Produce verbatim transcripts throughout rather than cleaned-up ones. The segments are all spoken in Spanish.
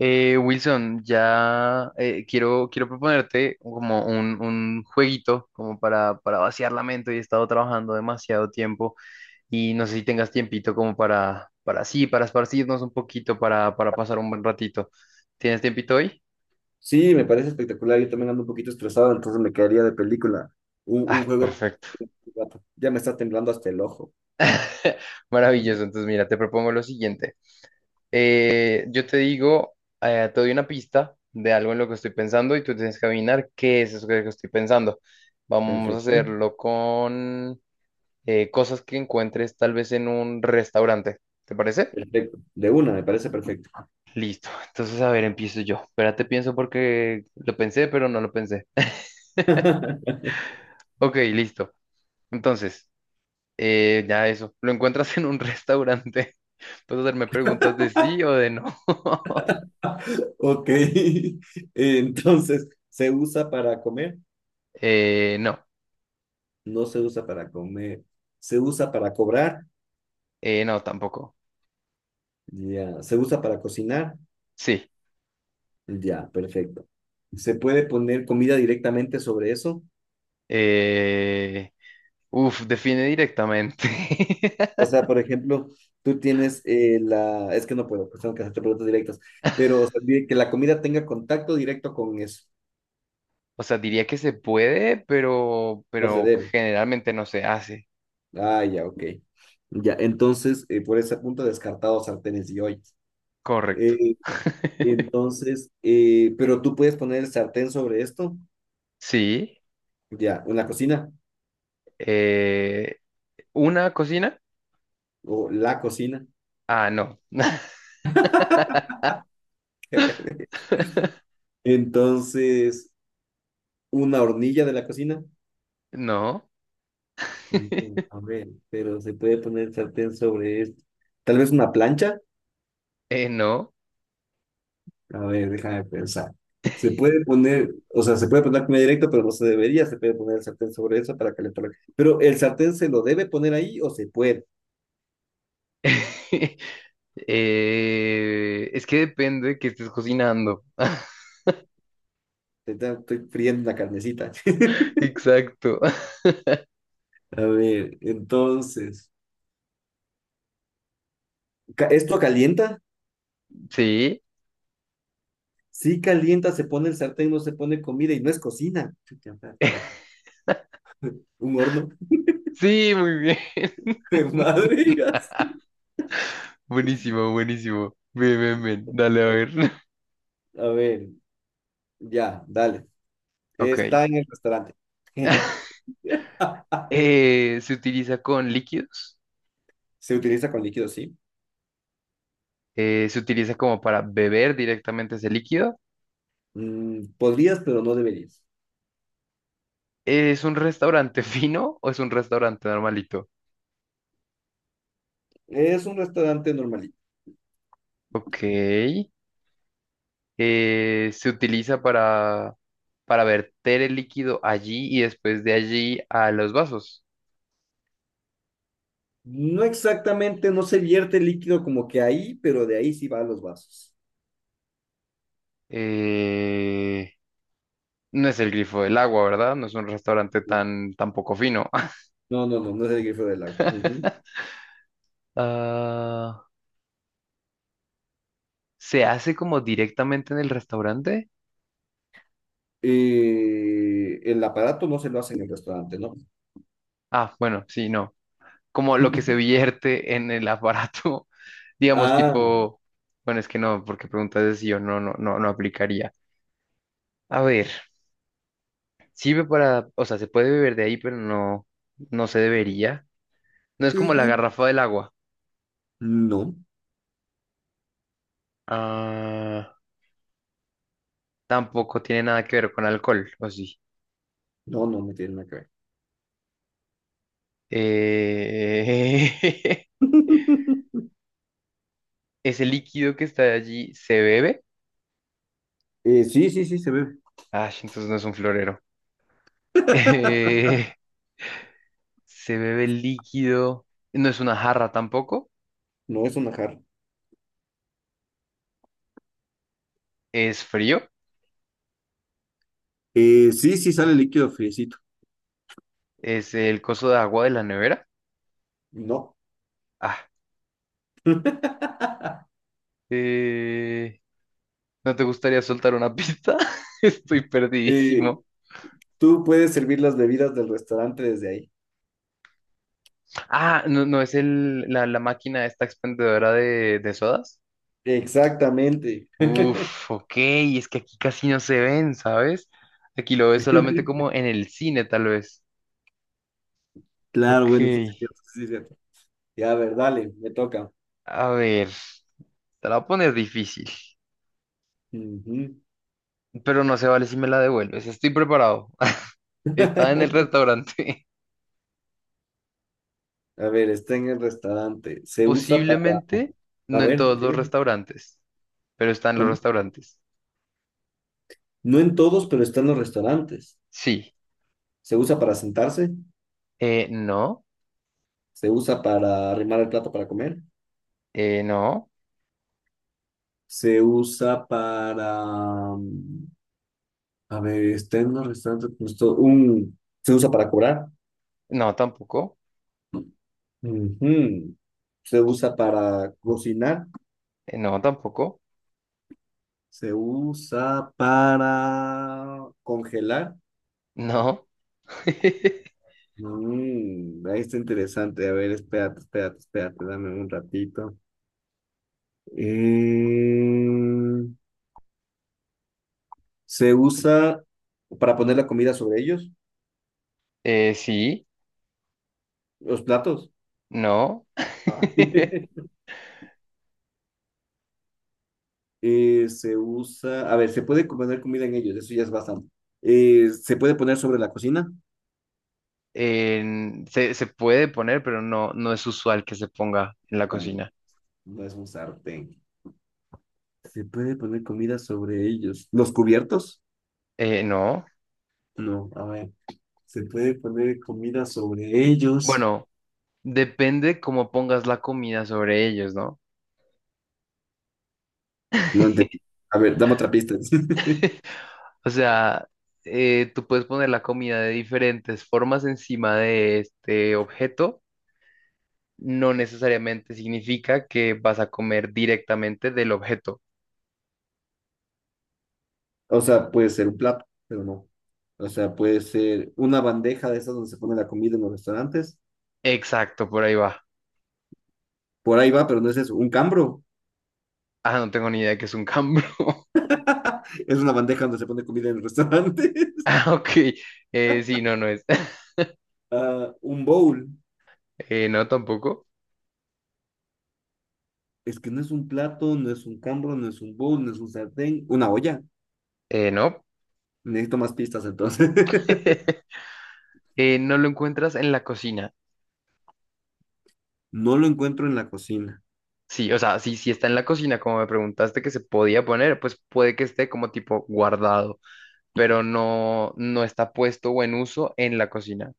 Eh, Wilson, ya eh, quiero, quiero proponerte como un, un jueguito como para, para vaciar la mente. Hoy he estado trabajando demasiado tiempo y no sé si tengas tiempito como para, para sí, para esparcirnos un poquito, para, para pasar un buen ratito. ¿Tienes tiempito hoy? Sí, me parece espectacular. Yo también ando un poquito estresado, entonces me quedaría de película. Un, un Ah, juego. perfecto. Ya me está temblando hasta el ojo. Maravilloso. Entonces, mira, te propongo lo siguiente. Eh, yo te digo, eh, te doy una pista de algo en lo que estoy pensando y tú tienes que adivinar qué es eso que que estoy pensando. Vamos a Perfecto. hacerlo con eh, cosas que encuentres tal vez en un restaurante. ¿Te parece? Perfecto. De una, me parece perfecto. Listo. Entonces, a ver, empiezo yo. Espérate, pienso porque lo pensé, pero no lo pensé. Ok, listo. Entonces, eh, ya eso. ¿Lo encuentras en un restaurante? ¿Puedes hacerme preguntas de sí o de no? Ok. Entonces, ¿se usa para comer? Eh, no. No se usa para comer. ¿Se usa para cobrar? Eh, no, tampoco. Ya. ¿Se usa para cocinar? Sí. Ya, perfecto. ¿Se puede poner comida directamente sobre eso? Eh, uf, define directamente. O sea, por ejemplo, tú tienes eh, la... Es que no puedo, pues tengo que hacerte preguntas directas. Pero o sea, di- que la comida tenga contacto directo con eso. O sea, diría que se puede, pero, No se pero debe. generalmente no se hace. Ah, ya, ok. Ya, entonces, eh, por ese punto, descartado sartenes y ollas. Correcto. Eh, entonces, eh, pero tú puedes poner el sartén sobre esto. Sí. Ya, una cocina eh, ¿una cocina? o la cocina. Ah, no. Entonces, una hornilla de la cocina. No. Mm, A ver, pero se puede poner el sartén sobre esto. Tal vez una plancha. Eh, no. A ver, déjame pensar. Se puede poner, o sea, se puede poner comida directa, pero no se debería, se puede poner el sartén sobre eso para calentar. la- Pero el sartén se lo debe poner ahí o se puede. Eh, es que depende de qué estés cocinando. Ahorita estoy friendo una carnecita. Exacto. A ver, entonces, ca- ¿esto calienta? Sí. Sí calienta, se pone el sartén, no se pone comida y no es cocina. Chuta madre, un horno Sí, muy bien. de madre y así. Buenísimo, buenísimo. Ven, ven, ven. Dale a ver. A ver, ya, dale. Ok. Está en el restaurante. Eh, se utiliza con líquidos. Se utiliza con líquido, sí. eh, se utiliza como para beber directamente ese líquido. Mm, podrías, pero no deberías. ¿Es un restaurante fino o es un restaurante normalito? Es un restaurante normalito. Ok. eh, se utiliza para, para verter el líquido allí y después de allí a los vasos. No exactamente, no se vierte el líquido como que ahí, pero de ahí sí va a los vasos. Eh, no es el grifo del agua, ¿verdad? No es un restaurante No, tan, tan poco fino. no, no, no, no es el grifo del agua. Ujú. Ah, ¿se hace como directamente en el restaurante? Eh, el aparato no se lo hace en el restaurante, ¿no? Ah, bueno, sí, no. Como lo que se vierte en el aparato, digamos, Ah, tipo, bueno, es que no, porque preguntas es si yo no, no, no, no aplicaría. A ver, sirve para, o sea, se puede beber de ahí, pero no, no se debería. No es como la ujú. garrafa del agua. No, Ah, tampoco tiene nada que ver con alcohol, ¿o sí? no, no, no tiene nada que ver. Eh... Ese líquido que está allí se bebe. Eh, sí, sí, sí, se ve. Ah, entonces no es un florero. Se bebe el líquido, no es una jarra tampoco, No es una jarra. es frío, Eh, sí, sí sale líquido friecito. es el coso de agua de la nevera. No. Ah, eh, ¿no te gustaría soltar una pista? Estoy Eh, perdidísimo. tú puedes servir las bebidas del restaurante desde ahí. Ah, no, no es el, la, la máquina esta expendedora de, de sodas. Exactamente. Uf, ok, es que aquí casi no se ven, ¿sabes? Aquí lo ves solamente como en el cine, tal vez. Claro, Ok, bueno, eso sí, eso sí es cierto. Ya, a ver, dale, me toca. a ver, te la voy a poner difícil, Ujú. pero no se vale si me la devuelves. Estoy preparado. Está en el restaurante. A ver, está en el restaurante. Se usa para, Posiblemente a no en ver, todos los ¿qué? restaurantes, pero está en los ¿Cómo? restaurantes. No en todos, pero está en los restaurantes. Sí. Se usa para sentarse, Eh, no. se usa para arrimar el plato para comer, Eh, no. se usa para, mm, a ver, está en los restaurantes, pues, to- un, se usa para cobrar. No, tampoco. Ujú. Se usa para cocinar. Eh, no, tampoco. Se usa para congelar. No. Mm, ahí está interesante. A ver, espérate, espérate, espérate, dame un ratito. Eh, se usa para poner la comida sobre ellos, Eh, sí. los platos. No. Ah. Eh, se usa, a ver, se puede poner comida en ellos, eso ya es bastante. Eh, se puede poner sobre la cocina. En- se, se puede poner, pero no, no es usual que se ponga en la Ya, cocina. no es un sartén. Se puede poner comida sobre ellos. ¿Los cubiertos? Eh, no. No, a ver. Se puede poner comida sobre ellos. Bueno, depende cómo pongas la comida sobre ellos, ¿no? No entendí. A ver, dame otra pista. O sea, eh, tú puedes poner la comida de diferentes formas encima de este objeto. No necesariamente significa que vas a comer directamente del objeto. O sea, puede ser un plato, pero no. O sea, puede ser una bandeja de esas donde se pone la comida en los restaurantes. Exacto, por ahí va. Por ahí va, pero no es eso. Un cambro. Ah, no tengo ni idea de qué es un cambro. Es una bandeja donde se pone comida en los restaurantes. Ah, ok. Eh, sí, no, no es. Ah, un bowl. Eh, no, tampoco. Es que no es un plato, no es un cambro, no es un bowl, no es un sartén. Una olla. Eh, no. Necesito más pistas entonces. Eh, no lo encuentras en la cocina. No lo encuentro en la cocina. Sí, o sea, sí, sí está en la cocina, como me preguntaste que se podía poner, pues puede que esté como tipo guardado. Pero no, no está puesto o en uso en la cocina.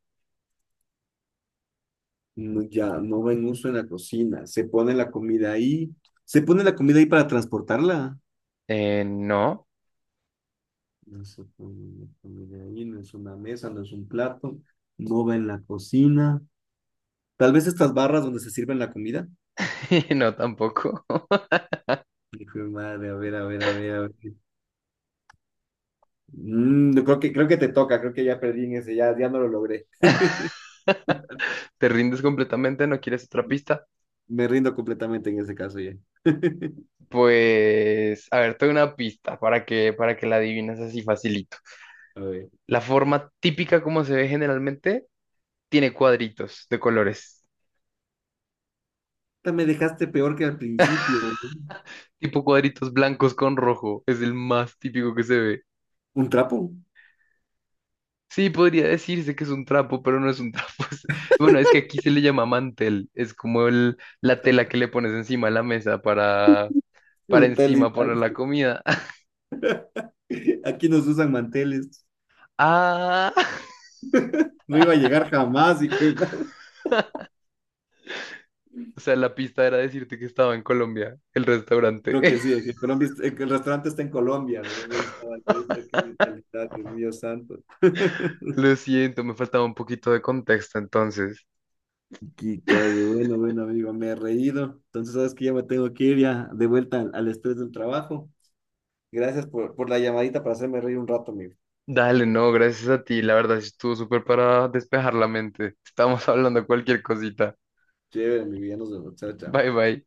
No, ya no va en uso en la cocina. Se pone la comida ahí. Se pone la comida ahí para transportarla. Eh, no, No se pone la comida ahí, no es una mesa, no es un plato. No va en la cocina. Tal vez estas barras donde se sirven la comida. no tampoco. Hijo de madre, a ver, a ver, a ver, a ver. Mm, yo creo que, creo que te toca, creo que ya perdí en ese, ya, ya no lo logré. ¿Te rindes completamente? ¿No quieres otra pista? Me rindo completamente en ese caso ya. Pues, a ver, te doy una pista para que, para que la adivines así facilito. A ver. La forma típica como se ve generalmente tiene cuadritos de colores, Puta, me dejaste peor que al principio, ¿no? tipo cuadritos blancos con rojo. Es el más típico que se ve. ¿Un trapo? Sí, podría decirse que es un trapo, pero no es un trapo. es- Bueno, es que aquí se le llama mantel. Es como el, la tela que le pones encima de la mesa para, para encima Brutalidad. poner la comida. Aquí nos usan manteles. Ah, No iba a llegar jamás, hijo de madre. o sea, la pista era decirte que estaba en Colombia, el restaurante. Creo que sí, que Colombia, es- eh, que el restaurante está en Colombia, ¿no? Ahí estaba, ahí está, qué brutalidad, Dios mío santo. Lo siento, me faltaba un poquito de contexto entonces. Qué cague, bueno, bueno, amigo, me he reído. Entonces, sabes que ya me tengo que ir ya de vuelta al, al estrés del trabajo. Gracias por, por la llamadita para hacerme reír un rato, amigo. Dale, no, gracias a ti. La verdad, sí estuvo súper para despejar la mente. Estamos hablando de cualquier cosita. Chévere, mi vida, nos vemos. Chao, chao. Bye, bye.